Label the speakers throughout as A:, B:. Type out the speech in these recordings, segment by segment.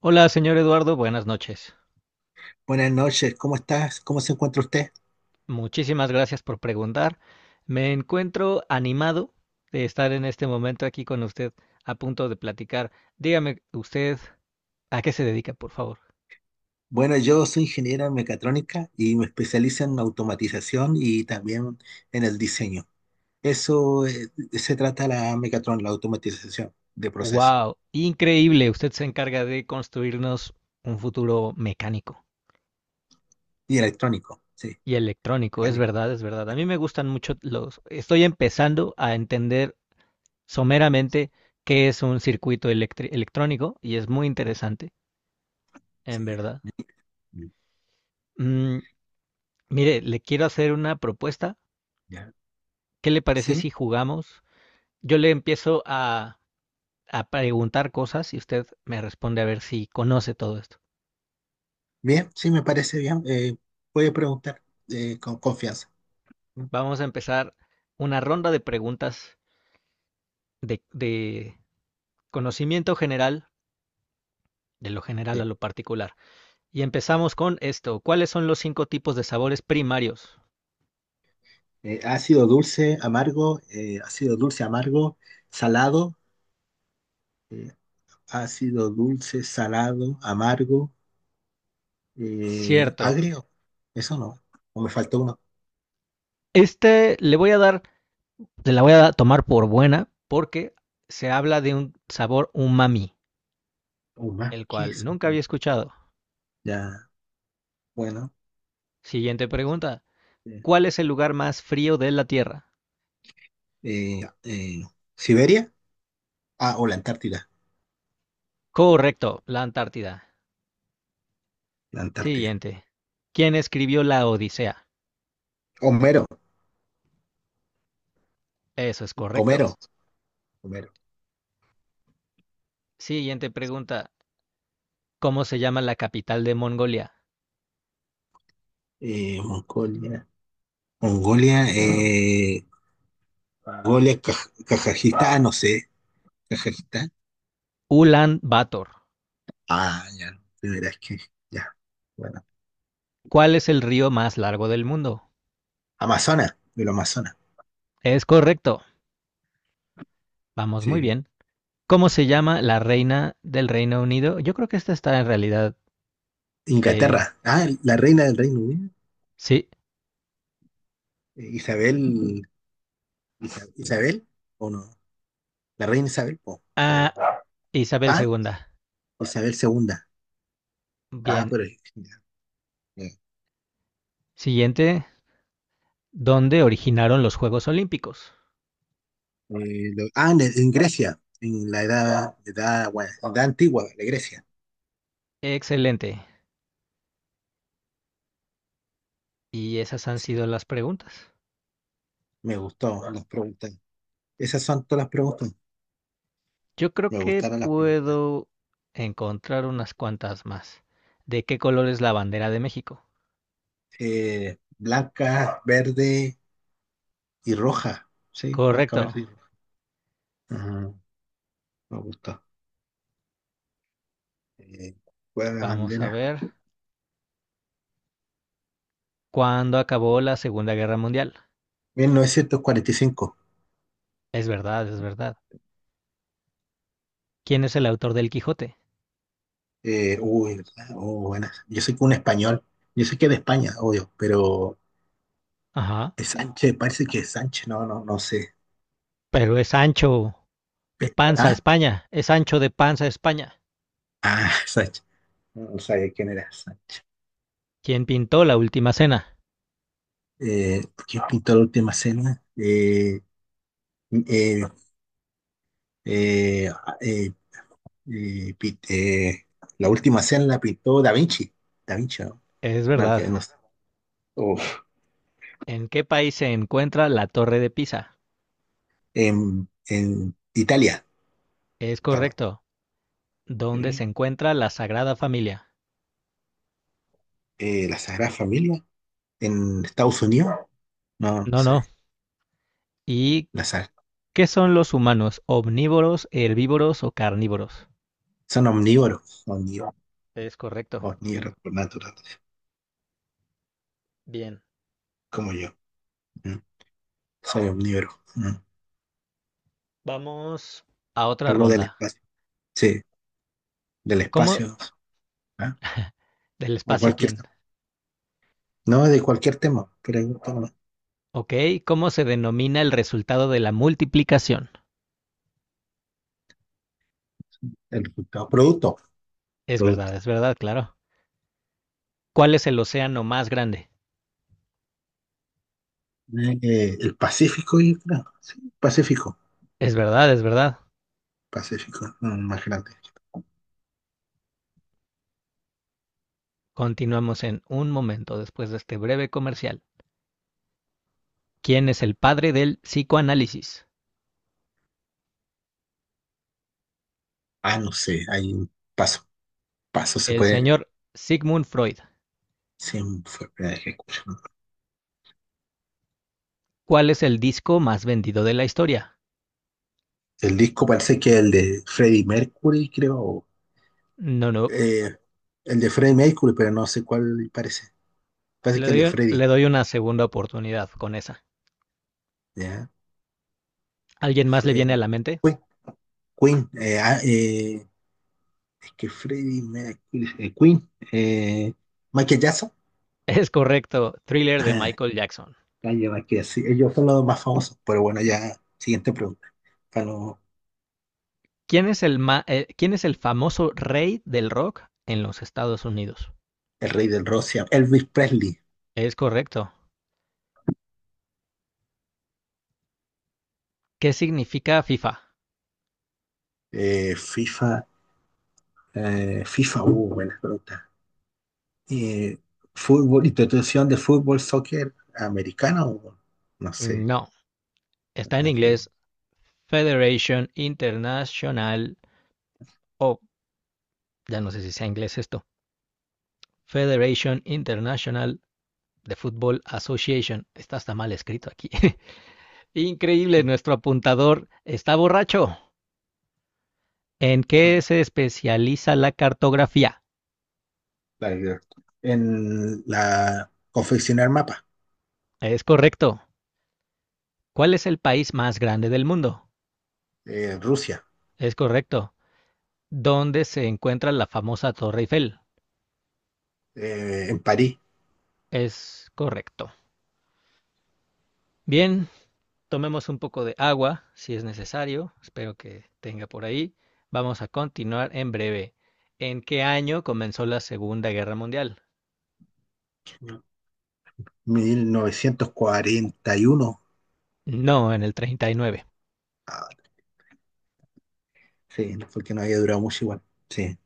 A: Hola, señor Eduardo, buenas noches.
B: Buenas noches, ¿cómo estás? ¿Cómo se encuentra usted?
A: Muchísimas gracias por preguntar. Me encuentro animado de estar en este momento aquí con usted a punto de platicar. Dígame usted a qué se dedica, por favor.
B: Bueno, yo soy ingeniero en mecatrónica y me especializo en automatización y también en el diseño. Eso se trata la mecatrón, la automatización de procesos
A: Wow, increíble. Usted se encarga de construirnos un futuro mecánico
B: y electrónico. Sí,
A: y electrónico. Es
B: gané.
A: verdad, es verdad. A mí me gustan mucho Estoy empezando a entender someramente qué es un circuito electrónico y es muy interesante, en
B: Sí.
A: verdad.
B: Mm,
A: Mm, Mire, le quiero hacer una propuesta.
B: ya.
A: ¿Qué le parece si
B: Sí.
A: jugamos? Yo le empiezo a preguntar cosas y usted me responde a ver si conoce todo esto.
B: Bien, sí, me parece bien. Voy a preguntar con confianza.
A: Vamos a empezar una ronda de preguntas de conocimiento general, de lo general a
B: Sí.
A: lo particular. Y
B: Ya.
A: empezamos con esto. ¿Cuáles son los cinco tipos de sabores primarios?
B: Ácido dulce, amargo, salado, eh, ácido dulce, salado, amargo,
A: Cierto.
B: agrio. Eso no. O me faltó uno,
A: Este le voy a dar, le la voy a tomar por buena porque se habla de un sabor umami,
B: uno más.
A: el
B: ¿Qué
A: cual
B: es?
A: nunca había escuchado.
B: Ya, bueno.
A: Siguiente pregunta.
B: eh,
A: ¿Cuál es el lugar más frío de la Tierra?
B: eh, eh, ¿Siberia? Ah, o la Antártida.
A: Correcto, la Antártida.
B: La Antártida.
A: Siguiente. ¿Quién escribió la Odisea?
B: Homero,
A: Eso es correcto.
B: Homero, Homero.
A: Siguiente pregunta. ¿Cómo se llama la capital de Mongolia?
B: Mongolia. Mongolia, Mongolia, Kaj- Kazajistán, no sé, Kazajistán.
A: Ulan Bator.
B: Ah, ya, de veras que, ya, bueno.
A: ¿Cuál es el río más largo del mundo?
B: Amazonas, de los Amazonas,
A: Es correcto. Vamos muy
B: sí.
A: bien. ¿Cómo se llama la reina del Reino Unido? Yo creo que esta está en realidad. eh,
B: Inglaterra, ah, la reina del Reino Unido,
A: sí.
B: Isabel, Isa- Isabel, o no, la reina Isabel, po, pero,
A: Ah, Isabel
B: ah,
A: II.
B: Isabel segunda, ah,
A: Bien.
B: pero, ya, ya.
A: Siguiente. ¿Dónde originaron los Juegos Olímpicos?
B: Lo- ah, en Grecia, en la edad, edad, bueno, edad antigua de Grecia,
A: Excelente. Y esas han
B: sí,
A: sido las preguntas.
B: me gustó las preguntas, esas son todas las preguntas,
A: Yo creo
B: me
A: que
B: gustaron las preguntas.
A: puedo encontrar unas cuantas más. ¿De qué color es la bandera de México?
B: Blanca, verde y roja. Sí, blanca,
A: Correcto.
B: verde y roja. Ajá, me gusta. Eh, ¿Cuál es la
A: Vamos a
B: bandera?
A: ver. ¿Cuándo acabó la Segunda Guerra Mundial?
B: 1945.
A: Es verdad, es verdad. ¿Quién es el autor del Quijote?
B: Uy, ¿verdad? Oh, buena. Yo sé que un español. Yo sé que es de España, obvio, pero
A: Ajá.
B: es Sánchez, parece que es Sánchez. No, no, no sé.
A: Pero es Sancho de
B: Pe-
A: Panza,
B: ¿Ah?
A: España. Es Sancho de Panza, España.
B: Ah, Sánchez. No, no sabía quién era Sánchez.
A: ¿Quién pintó la Última Cena?
B: ¿Quién pintó la última cena? Eh, eh, eh, pi- la última cena la pintó Da Vinci. Da Vinci, ¿no?
A: Es
B: No,
A: verdad.
B: que no sé. Uf.
A: ¿En qué país se encuentra la Torre de Pisa?
B: En Italia.
A: Es
B: Italia.
A: correcto. ¿Dónde
B: Eh,
A: se encuentra la Sagrada Familia?
B: la Sagrada Familia. En Estados Unidos. No, no
A: No, no.
B: sé.
A: ¿Y
B: La sag-
A: qué son los humanos? ¿Omnívoros, herbívoros o carnívoros?
B: son omnívoros. Omnívoros.
A: Es correcto.
B: Omnívoros por naturaleza.
A: Bien.
B: Como yo. ¿Mm? Soy omnívoro. ¿Mm?
A: Vamos a otra
B: Algo del
A: ronda.
B: espacio. Sí, del
A: ¿Cómo?
B: espacio. ¿Ah?
A: Del
B: De
A: espacio,
B: cualquier
A: ¿quién?
B: tema. No, de cualquier tema. Pero
A: Ok. ¿Cómo se denomina el resultado de la multiplicación?
B: el resultado. Producto. Producto.
A: Es verdad, claro. ¿Cuál es el océano más grande?
B: El Pacífico, yo creo. Sí, Pacífico.
A: Es verdad, es verdad.
B: Pacífico, no, más grande.
A: Continuamos en un momento después de este breve comercial. ¿Quién es el padre del psicoanálisis?
B: Ah, no sé, hay un paso. Paso se
A: El
B: puede.
A: señor Sigmund Freud.
B: Sí, fue la primera vez que escucho, ¿no?
A: ¿Cuál es el disco más vendido de la historia?
B: El disco parece que es el de Freddie Mercury, creo. O,
A: No, no.
B: eh, el de Freddie Mercury, pero no sé cuál parece. Parece
A: Le
B: que el de
A: doy, le
B: Freddie.
A: doy una segunda oportunidad con esa.
B: ¿Ya?
A: ¿Alguien más le viene a
B: Fe-
A: la mente?
B: Queen. Queen, es que Freddie Mercury. Queen. Michael Jackson.
A: Es correcto. Thriller de
B: Ajá,
A: Michael Jackson.
B: Kanye, Michael, sí, ellos son los más famosos. Pero bueno, ya, siguiente pregunta. Ganó
A: ¿Quién es el famoso rey del rock en los Estados Unidos?
B: el rey del Rusia, Elvis Presley,
A: Es correcto. ¿Qué significa FIFA?
B: FIFA, FIFA, buenas preguntas. Eh, fútbol, institución de fútbol, soccer americano, o no sé.
A: No. Está en
B: No sé.
A: inglés. Federation International. Oh, ya no sé si sea inglés esto. Federation International The Football Association. Está hasta mal escrito aquí. Increíble, nuestro apuntador está borracho. ¿En qué se especializa la cartografía?
B: Like, en la confeccionar mapa,
A: Es correcto. ¿Cuál es el país más grande del mundo?
B: Rusia,
A: Es correcto. ¿Dónde se encuentra la famosa Torre Eiffel?
B: en París,
A: Es correcto. Bien, tomemos un poco de agua si es necesario. Espero que tenga por ahí. Vamos a continuar en breve. ¿En qué año comenzó la Segunda Guerra Mundial?
B: 1941.
A: No, en el 39.
B: Ah, sí, porque no había durado mucho igual. Sí,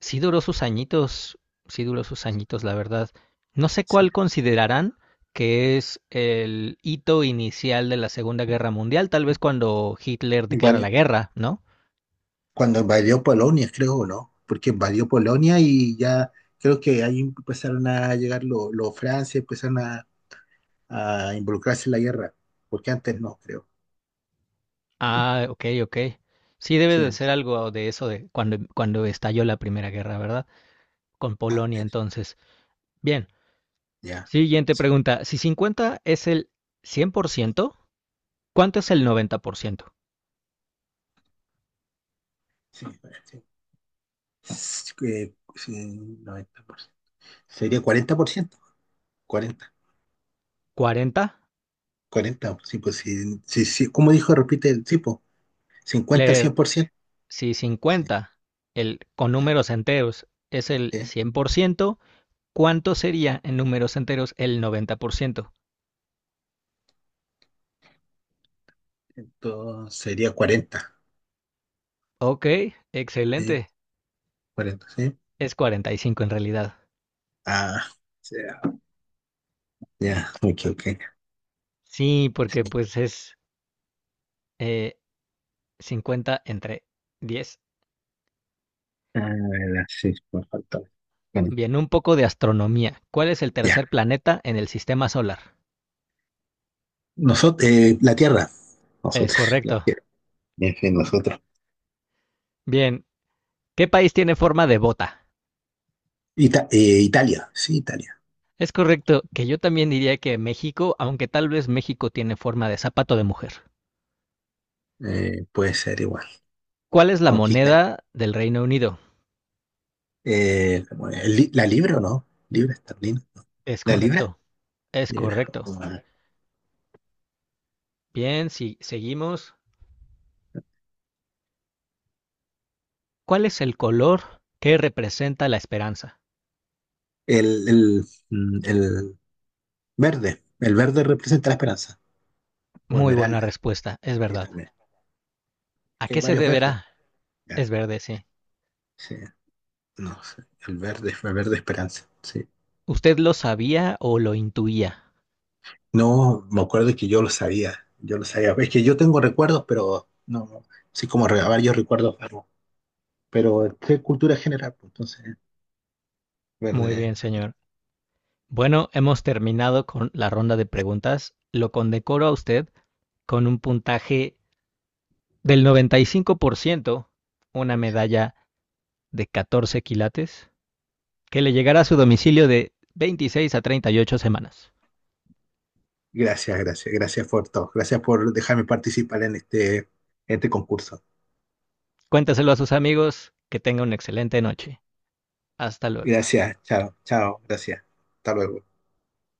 A: Sí duró sus añitos, sí duró sus añitos, la verdad. No sé
B: sí.
A: cuál considerarán que es el hito inicial de la Segunda Guerra Mundial, tal vez cuando Hitler
B: Y,
A: declara
B: bueno,
A: la guerra, ¿no?
B: cuando invadió Polonia, creo, ¿no? Porque invadió Polonia y ya creo que ahí empezaron a llegar los Francia, empezaron a involucrarse en la guerra, porque antes no, creo.
A: Ah, ok, ok. Sí debe
B: Sí,
A: de ser algo de eso de cuando, cuando estalló la Primera Guerra, ¿verdad? Con
B: ah,
A: Polonia
B: es-
A: entonces. Bien,
B: ya.
A: siguiente
B: Sí,
A: pregunta. Si 50 es el 100%, ¿cuánto es el 90%?
B: sí, sí. Es que, sí, 90%. Sería 40%, 40,
A: 40.
B: 40. Sí, pues sí, sí, sí, como dijo, repite el tipo, 50 al
A: Le
B: 100%.
A: Si
B: Sí,
A: 50 el, con
B: ya,
A: números enteros es el
B: sí.
A: 100%, ¿cuánto sería en números enteros el 90%?
B: Entonces sería 40.
A: Ok,
B: Sí,
A: excelente.
B: 40, sí.
A: Es 45 en realidad.
B: Ah, sí. Ya, ok, ok.
A: Sí, porque pues es eh, 50 entre 10.
B: Ah, la- sí, me faltó. Bueno,
A: Bien, un poco de astronomía. ¿Cuál es el
B: ya.
A: tercer planeta en el sistema solar?
B: Nosotros, la Tierra,
A: Es
B: nosotros, la
A: correcto.
B: Tierra, en fin, nosotros.
A: Bien, ¿qué país tiene forma de bota?
B: Ita- Italia, sí, Italia.
A: Es correcto que yo también diría que México, aunque tal vez México tiene forma de zapato de mujer.
B: Puede ser igual.
A: ¿Cuál es la
B: Aunque Italia.
A: moneda del Reino Unido?
B: Bueno, el li- ¿la libra o no? ¿Libra esterlina?
A: Es
B: ¿La libra?
A: correcto, es
B: Libra.
A: correcto.
B: Bueno.
A: Bien, si seguimos. ¿Cuál es el color que representa la esperanza?
B: El, el verde. El verde representa la esperanza. O
A: Muy buena
B: esmeralda.
A: respuesta, es
B: Sí,
A: verdad.
B: también.
A: ¿A
B: Que
A: qué
B: hay
A: se
B: varios verdes.
A: deberá?
B: Ya,
A: Es verde, sí.
B: sí. No sé. El verde esperanza. Sí.
A: ¿Usted lo sabía o lo intuía?
B: No, me acuerdo que yo lo sabía, yo lo sabía. Es que yo tengo recuerdos, pero no, no, sí como re- varios recuerdos, pero, pero qué cultura general, pues, entonces,
A: Muy
B: verde.
A: bien, señor. Bueno, hemos terminado con la ronda de preguntas. Lo condecoro a usted con un puntaje del 95%, una medalla de 14 quilates que le llegará a su domicilio de 26 a 38 semanas.
B: Gracias, gracias, gracias por todo, gracias por dejarme participar en este concurso.
A: Cuéntaselo a sus amigos, que tenga una excelente noche. Hasta luego.
B: Gracias, chao, chao, gracias. Hasta luego.